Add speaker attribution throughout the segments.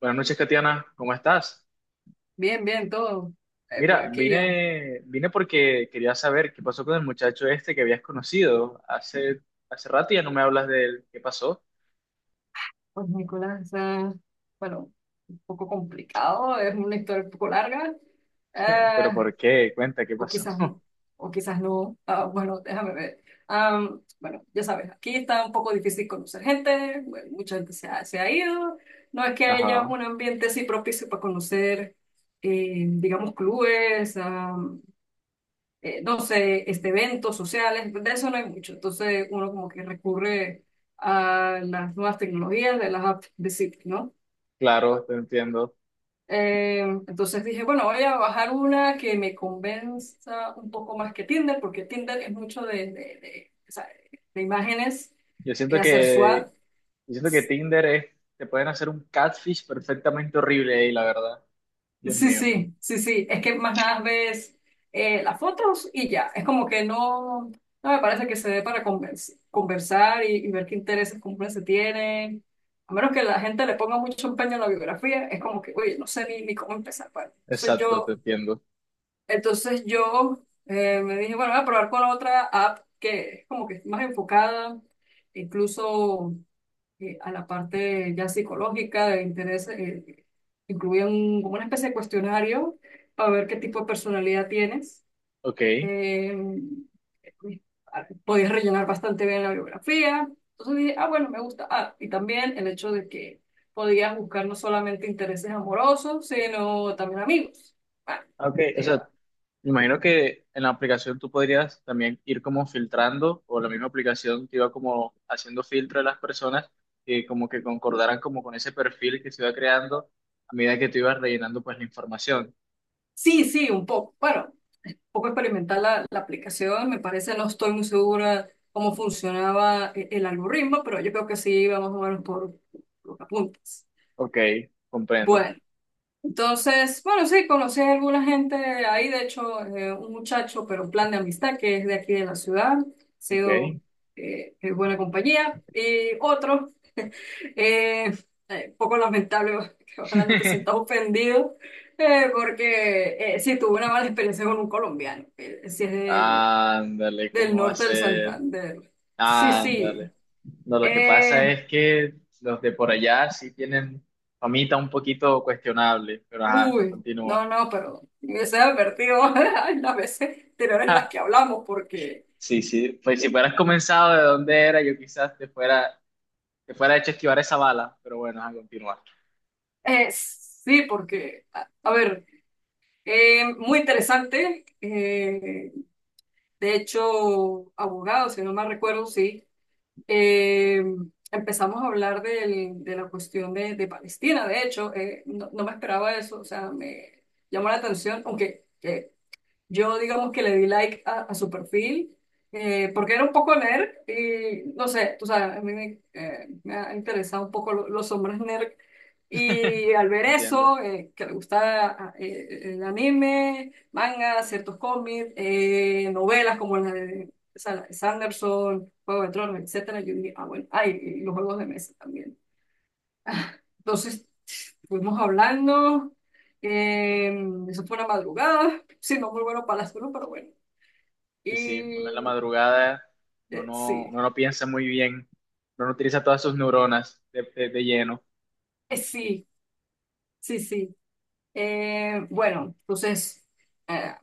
Speaker 1: Buenas noches, Katiana, ¿cómo estás?
Speaker 2: Bien, bien, todo. Por
Speaker 1: Mira,
Speaker 2: aquí ya.
Speaker 1: vine porque quería saber qué pasó con el muchacho este que habías conocido hace rato y ya no me hablas de él. ¿Qué pasó?
Speaker 2: Pues Nicolás, bueno, un poco complicado, es una historia un poco larga.
Speaker 1: ¿Pero
Speaker 2: ah,
Speaker 1: por qué? Cuenta, ¿qué
Speaker 2: o
Speaker 1: pasó?
Speaker 2: quizás, o quizás no. Ah, bueno, déjame ver. Bueno, ya sabes, aquí está un poco difícil conocer gente. Bueno, mucha gente se ha ido. No es que haya
Speaker 1: Ajá,
Speaker 2: un ambiente así propicio para conocer, digamos, clubes. No sé, eventos sociales, de eso no hay mucho. Entonces uno como que recurre a las nuevas tecnologías, de las apps de citas, ¿no?
Speaker 1: claro, te entiendo.
Speaker 2: Eh, entonces dije, bueno, voy a bajar una que me convenza un poco más que Tinder, porque Tinder es mucho de, o sea, de imágenes,
Speaker 1: Yo siento
Speaker 2: hacer
Speaker 1: que,
Speaker 2: SWAT.
Speaker 1: yo siento que Tinder es, te pueden hacer un catfish perfectamente horrible ahí, la verdad. Dios
Speaker 2: Sí,
Speaker 1: mío.
Speaker 2: sí, sí, sí. Es que más nada ves las fotos y ya. Es como que no, no me parece que se dé para conversar y ver qué intereses comunes se tienen. A menos que la gente le ponga mucho empeño en la biografía, es como que, oye, no sé ni, ni cómo empezar. Para. Entonces
Speaker 1: Exacto, te
Speaker 2: yo,
Speaker 1: entiendo.
Speaker 2: entonces yo eh, me dije, bueno, voy a probar con la otra app que es como que más enfocada, incluso a la parte ya psicológica de interés, incluía como una especie de cuestionario para ver qué tipo de personalidad tienes.
Speaker 1: Ok.
Speaker 2: Eh, Podías rellenar bastante bien la biografía. Entonces dije, ah, bueno, me gusta. Ah, y también el hecho de que podías buscar no solamente intereses amorosos, sino también amigos. Bueno,
Speaker 1: Ah, ok, o
Speaker 2: digo,
Speaker 1: sea, me imagino que en la aplicación tú podrías también ir como filtrando, o la misma aplicación te iba como haciendo filtro de las personas que como que concordaran como con ese perfil que se iba creando a medida que tú ibas rellenando pues la información.
Speaker 2: sí, sí, un poco. Bueno, poco experimentar la aplicación, me parece, no estoy muy segura cómo funcionaba el algoritmo, pero yo creo que sí vamos a o menos por los apuntes.
Speaker 1: Ok, comprendo.
Speaker 2: Bueno, entonces, bueno, sí, conocí a alguna gente ahí, de hecho, un muchacho, pero un plan de amistad que es de aquí de la ciudad, ha
Speaker 1: Ok.
Speaker 2: sido buena compañía, y otro, eh, poco lamentable, que ojalá no te sientas ofendido. Porque sí, tuve una mala experiencia con un colombiano. Sí, es de
Speaker 1: Ándale,
Speaker 2: del
Speaker 1: ¿cómo va a
Speaker 2: norte del
Speaker 1: ser?
Speaker 2: Santander. Sí, sí.
Speaker 1: Ándale. No, lo que pasa
Speaker 2: Eh,
Speaker 1: es que los de por allá sí tienen famita un poquito cuestionable, pero ajá,
Speaker 2: Uy, no,
Speaker 1: continúa.
Speaker 2: no, pero me hubiese advertido en las veces anteriores en las que hablamos, porque
Speaker 1: Sí, sí, pues si fueras comenzado de dónde era, yo quizás te fuera hecho esquivar esa bala, pero bueno, a continuar.
Speaker 2: sí, porque, a ver, muy interesante. De hecho, abogado, si no mal recuerdo, sí. eh, Empezamos a hablar de la cuestión de Palestina, de hecho, no, no me esperaba eso, o sea, me llamó la atención, aunque. Yo digamos que le di like a su perfil porque era un poco nerd y no sé, tú sabes, a mí me, me ha interesado un poco los hombres nerd y al ver
Speaker 1: Entiendo.
Speaker 2: eso, que le gusta el anime, manga, ciertos cómics, novelas como la de Sanderson, Juego de Tronos, etcétera, yo dije, ah bueno, ay, y los juegos de mesa también. Entonces fuimos hablando, eso fue una madrugada, sí, no muy bueno para la salud, pero bueno.
Speaker 1: Sí, sí, uno en la
Speaker 2: Y
Speaker 1: madrugada, uno
Speaker 2: eh,
Speaker 1: no,
Speaker 2: sí,
Speaker 1: uno no piensa muy bien, uno no utiliza todas sus neuronas de lleno.
Speaker 2: sí, sí, sí. Bueno, entonces eh,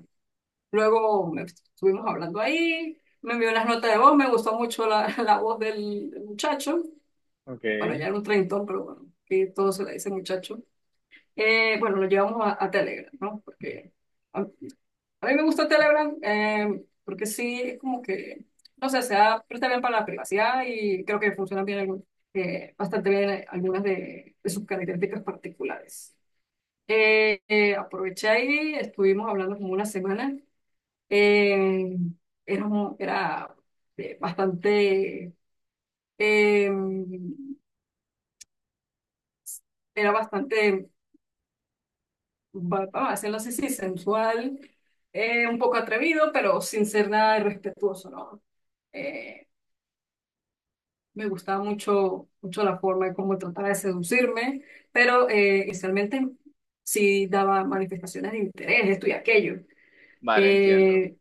Speaker 2: luego estuvimos hablando ahí, me envió unas notas de voz, me gustó mucho la, la voz del muchacho.
Speaker 1: Ok.
Speaker 2: Bueno, ya era un treintón, pero bueno, que todo se le dice muchacho. Bueno, lo llevamos a Telegram, ¿no? Porque a mí me gusta Telegram porque sí, es como que, no sé, se presta bien para la privacidad y creo que funcionan bien bastante bien algunas de sus características particulares. Aproveché ahí, estuvimos hablando como una semana. eh, era, mu- era eh, bastante, eh, Era bastante, vamos a decirlo así, sí, sensual, un poco atrevido, pero sin ser nada irrespetuoso, ¿no? Eh, Me gustaba mucho, mucho la forma de cómo trataba de seducirme, pero inicialmente sí daba manifestaciones de interés, esto y aquello.
Speaker 1: Vale, entiendo.
Speaker 2: Eh,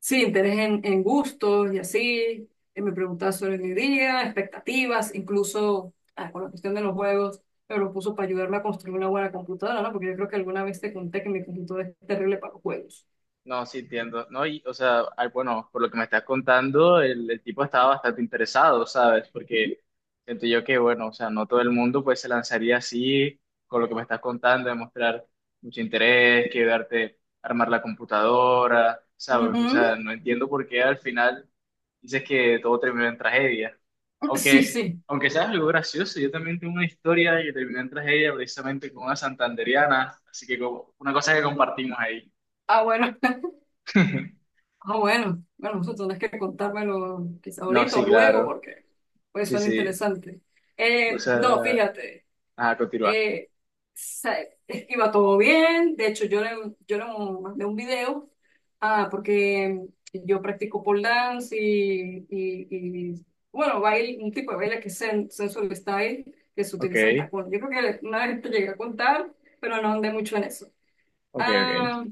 Speaker 2: sí, interés en gustos y así. Me preguntaba sobre mi día, expectativas, incluso ah, con la cuestión de los juegos, me propuso para ayudarme a construir una buena computadora, ¿no? Porque yo creo que alguna vez te conté que mi computadora es terrible para los juegos.
Speaker 1: No, sí entiendo, ¿no? Y, o sea, ay, bueno, por lo que me estás contando, el tipo estaba bastante interesado, ¿sabes? Porque siento yo que, bueno, o sea, no todo el mundo pues se lanzaría así con lo que me estás contando, demostrar mucho interés, quedarte, armar la computadora, ¿sabes? O sea,
Speaker 2: Ujú,
Speaker 1: no entiendo por qué al final dices que todo terminó en tragedia.
Speaker 2: sí,
Speaker 1: Aunque,
Speaker 2: sí.
Speaker 1: aunque sea algo gracioso, yo también tengo una historia que terminó en tragedia precisamente con una santandereana, así que como- una cosa que compartimos ahí.
Speaker 2: Ah, bueno. Ah, bueno, bueno, vosotros tenés que contármelo quizá
Speaker 1: No,
Speaker 2: ahorita o
Speaker 1: sí,
Speaker 2: luego
Speaker 1: claro.
Speaker 2: porque pues
Speaker 1: Sí,
Speaker 2: suena
Speaker 1: sí.
Speaker 2: interesante.
Speaker 1: O
Speaker 2: No,
Speaker 1: sea,
Speaker 2: fíjate,
Speaker 1: ah, continúa.
Speaker 2: eh, sa- iba todo bien, de hecho yo le mandé un video, ah, porque yo practico pole dance y, bueno, baile, un tipo de baile que es sensual style, que se
Speaker 1: Ok,
Speaker 2: utiliza en tacón. Yo creo que una vez te llegué a contar, pero no andé mucho en eso.
Speaker 1: ok.
Speaker 2: Ah,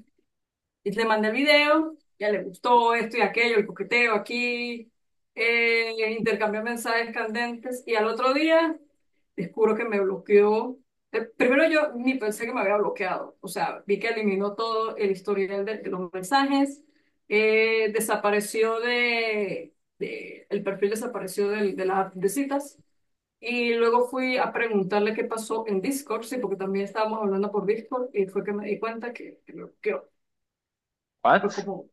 Speaker 2: y le mandé el video, ya le gustó esto y aquello, el coqueteo aquí, intercambió mensajes candentes y al otro día descubro que me bloqueó. Primero yo ni pensé que me había bloqueado, o sea, vi que eliminó todo el historial de los mensajes, desapareció de el perfil desapareció de las app de citas. Y luego fui a preguntarle qué pasó en Discord, sí, porque también estábamos hablando por Discord y fue que me di cuenta que me bloqueó. Y
Speaker 1: ¿What?
Speaker 2: fue como,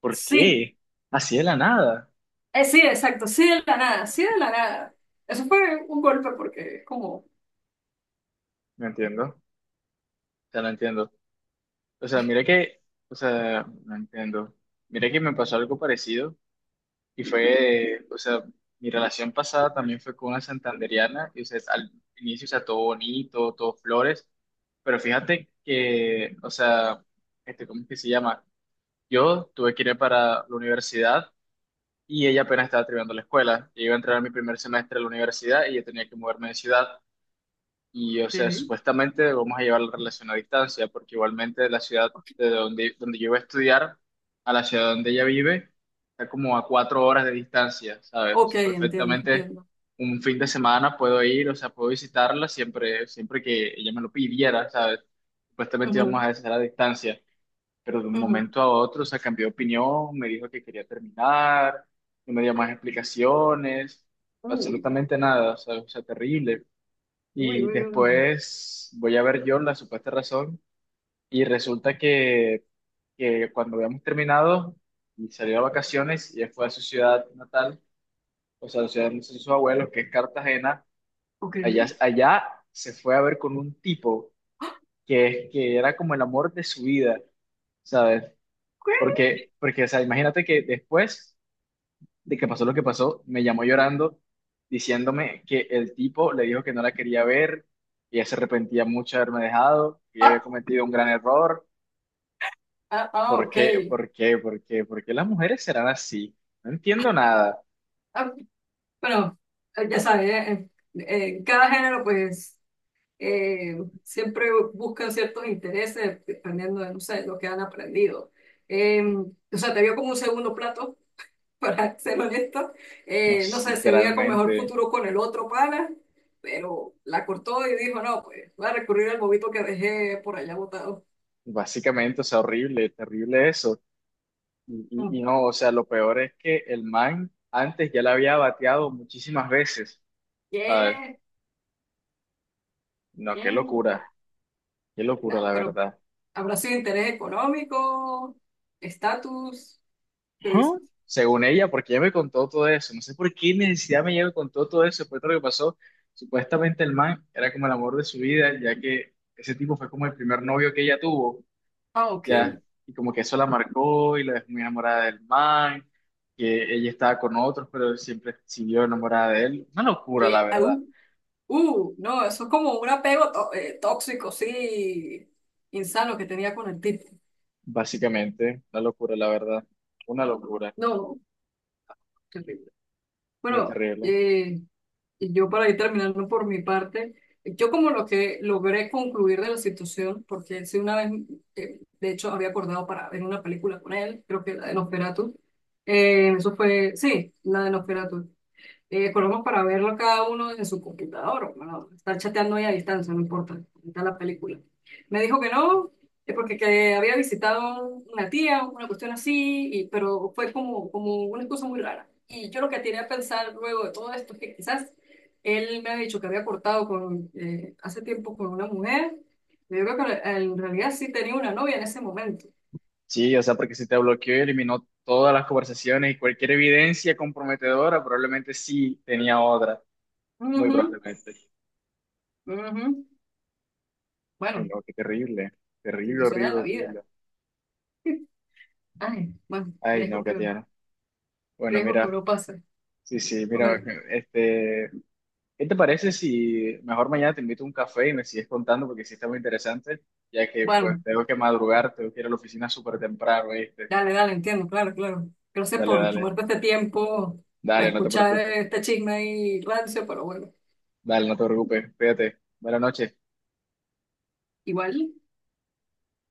Speaker 1: ¿Por
Speaker 2: sí,
Speaker 1: qué? Así de la nada.
Speaker 2: sí, exacto, sí de la nada, sí de la nada. Eso fue un golpe porque es como,
Speaker 1: No entiendo. O sea, no entiendo. O sea, mira que, o sea, no entiendo. Mira que me pasó algo parecido y fue, o sea, mi relación pasada también fue con una santandereana y, o sea, al inicio, o sea, todo bonito, todo flores, pero fíjate que, o sea, este, ¿cómo es que se llama? Yo tuve que ir para la universidad y ella apenas estaba terminando la escuela. Yo iba a entrar a mi primer semestre de la universidad y yo tenía que moverme de ciudad. Y, o sea,
Speaker 2: sí.
Speaker 1: supuestamente vamos a llevar la relación a distancia, porque igualmente de la ciudad de donde yo iba a estudiar a la ciudad donde ella vive está como a cuatro horas de distancia, ¿sabes? O
Speaker 2: Ok,
Speaker 1: sea,
Speaker 2: entiendo,
Speaker 1: perfectamente
Speaker 2: entiendo.
Speaker 1: un fin de semana puedo ir, o sea, puedo visitarla siempre, siempre que ella me lo pidiera, ¿sabes? Supuestamente íbamos
Speaker 2: Ujú,
Speaker 1: a hacer a distancia pero de un
Speaker 2: ujú.
Speaker 1: momento a otro, o sea, cambió de opinión, me dijo que quería terminar, no me dio más explicaciones,
Speaker 2: Uy,
Speaker 1: absolutamente nada, o sea, terrible.
Speaker 2: uy,
Speaker 1: Y
Speaker 2: uy, uy.
Speaker 1: después voy a ver yo la supuesta razón y resulta que cuando habíamos terminado y salió a vacaciones y él fue a su ciudad natal, o sea, la ciudad de sus abuelos, que es Cartagena,
Speaker 2: Ok.
Speaker 1: allá,
Speaker 2: ¿Qué?
Speaker 1: allá se fue a ver con un tipo que era como el amor de su vida. ¿Sabes? Porque, o sea, imagínate que después de que pasó lo que pasó, me llamó llorando diciéndome que el tipo le dijo que no la quería ver, que ella se arrepentía mucho de haberme dejado, que ella había
Speaker 2: Ah,
Speaker 1: cometido un gran error.
Speaker 2: ah, ah,
Speaker 1: ¿Por qué?
Speaker 2: ok.
Speaker 1: ¿Por qué? ¿Por qué? ¿Por qué las mujeres serán así? No entiendo nada.
Speaker 2: Ah, bueno, ya sabes, en cada género pues eh, siempre buscan ciertos intereses dependiendo de, no sé, lo que han aprendido. O sea, te vio como un segundo plato. Para ser honesto.
Speaker 1: No
Speaker 2: No
Speaker 1: sé,
Speaker 2: sé, se veía con mejor
Speaker 1: literalmente,
Speaker 2: futuro con el otro pana, pero la cortó y dijo, no, pues voy a recurrir al bobito que dejé por allá botado.
Speaker 1: básicamente, o sea, horrible, terrible eso. Y, y-
Speaker 2: Mm,
Speaker 1: y no, o sea, lo peor es que el man antes ya la había bateado muchísimas veces, ¿sabes?
Speaker 2: ¿qué?
Speaker 1: No,
Speaker 2: ¿Qué? Ah,
Speaker 1: qué
Speaker 2: no,
Speaker 1: locura, la
Speaker 2: pero
Speaker 1: verdad.
Speaker 2: habrá sido interés económico, estatus, ¿qué
Speaker 1: Ajá,
Speaker 2: dices?
Speaker 1: según ella, porque ella me contó todo eso. No sé por qué necesidad me llegó con todo, todo eso. Después de lo que pasó, supuestamente el man era como el amor de su vida, ya que ese tipo fue como el primer novio que ella tuvo,
Speaker 2: Ah, ok.
Speaker 1: ya. Y como que eso la marcó y la dejó muy enamorada del man, que ella estaba con otros, pero siempre siguió enamorada de él. Una locura, la
Speaker 2: ¿Qué?
Speaker 1: verdad.
Speaker 2: No, eso es como un apego tóxico, sí, insano que tenía con el tipo.
Speaker 1: Básicamente, una locura, la verdad. Una locura.
Speaker 2: No, terrible.
Speaker 1: Muy
Speaker 2: Bueno,
Speaker 1: terrible.
Speaker 2: y yo para ir terminando por mi parte, yo como lo que logré concluir de la situación, porque él sí una vez, de hecho, había acordado para ver una película con él, creo que la de Nosferatu, eso fue, sí, la de Nosferatu. Colocamos para verlo cada uno desde su computadora. Bueno, estar chateando ahí a distancia, no importa. Ahí está la película. Me dijo que no, porque que había visitado una tía, una cuestión así, pero fue como, como una cosa muy rara. Y yo lo que tenía a pensar luego de todo esto es que quizás él me ha dicho que había cortado con, hace tiempo con una mujer. Yo creo que en realidad sí tenía una novia en ese momento.
Speaker 1: Sí, o sea, porque si te bloqueó y eliminó todas las conversaciones y cualquier evidencia comprometedora, probablemente sí tenía otra, muy
Speaker 2: Ujú,
Speaker 1: probablemente.
Speaker 2: ujú.
Speaker 1: Ay,
Speaker 2: Bueno,
Speaker 1: no, qué terrible, terrible,
Speaker 2: situación de
Speaker 1: horrible,
Speaker 2: la vida.
Speaker 1: horrible.
Speaker 2: Ay, bueno,
Speaker 1: Ay, no, Katiana. Bueno,
Speaker 2: riesgo que
Speaker 1: mira,
Speaker 2: uno pase.
Speaker 1: sí, sí, mira,
Speaker 2: Hombre,
Speaker 1: este, ¿qué te parece si mejor mañana te invito a un café y me sigues contando porque sí está muy interesante, ya que pues
Speaker 2: bueno,
Speaker 1: tengo que madrugar, tengo que ir a la oficina súper temprano, ¿viste?
Speaker 2: dale, dale, entiendo, claro, claro. Gracias
Speaker 1: Dale,
Speaker 2: por
Speaker 1: dale,
Speaker 2: tomarte este tiempo para
Speaker 1: dale, no te
Speaker 2: escuchar
Speaker 1: preocupes,
Speaker 2: este chisme y rancio, pero bueno,
Speaker 1: dale, no te preocupes, cuídate, buenas noches.
Speaker 2: igual.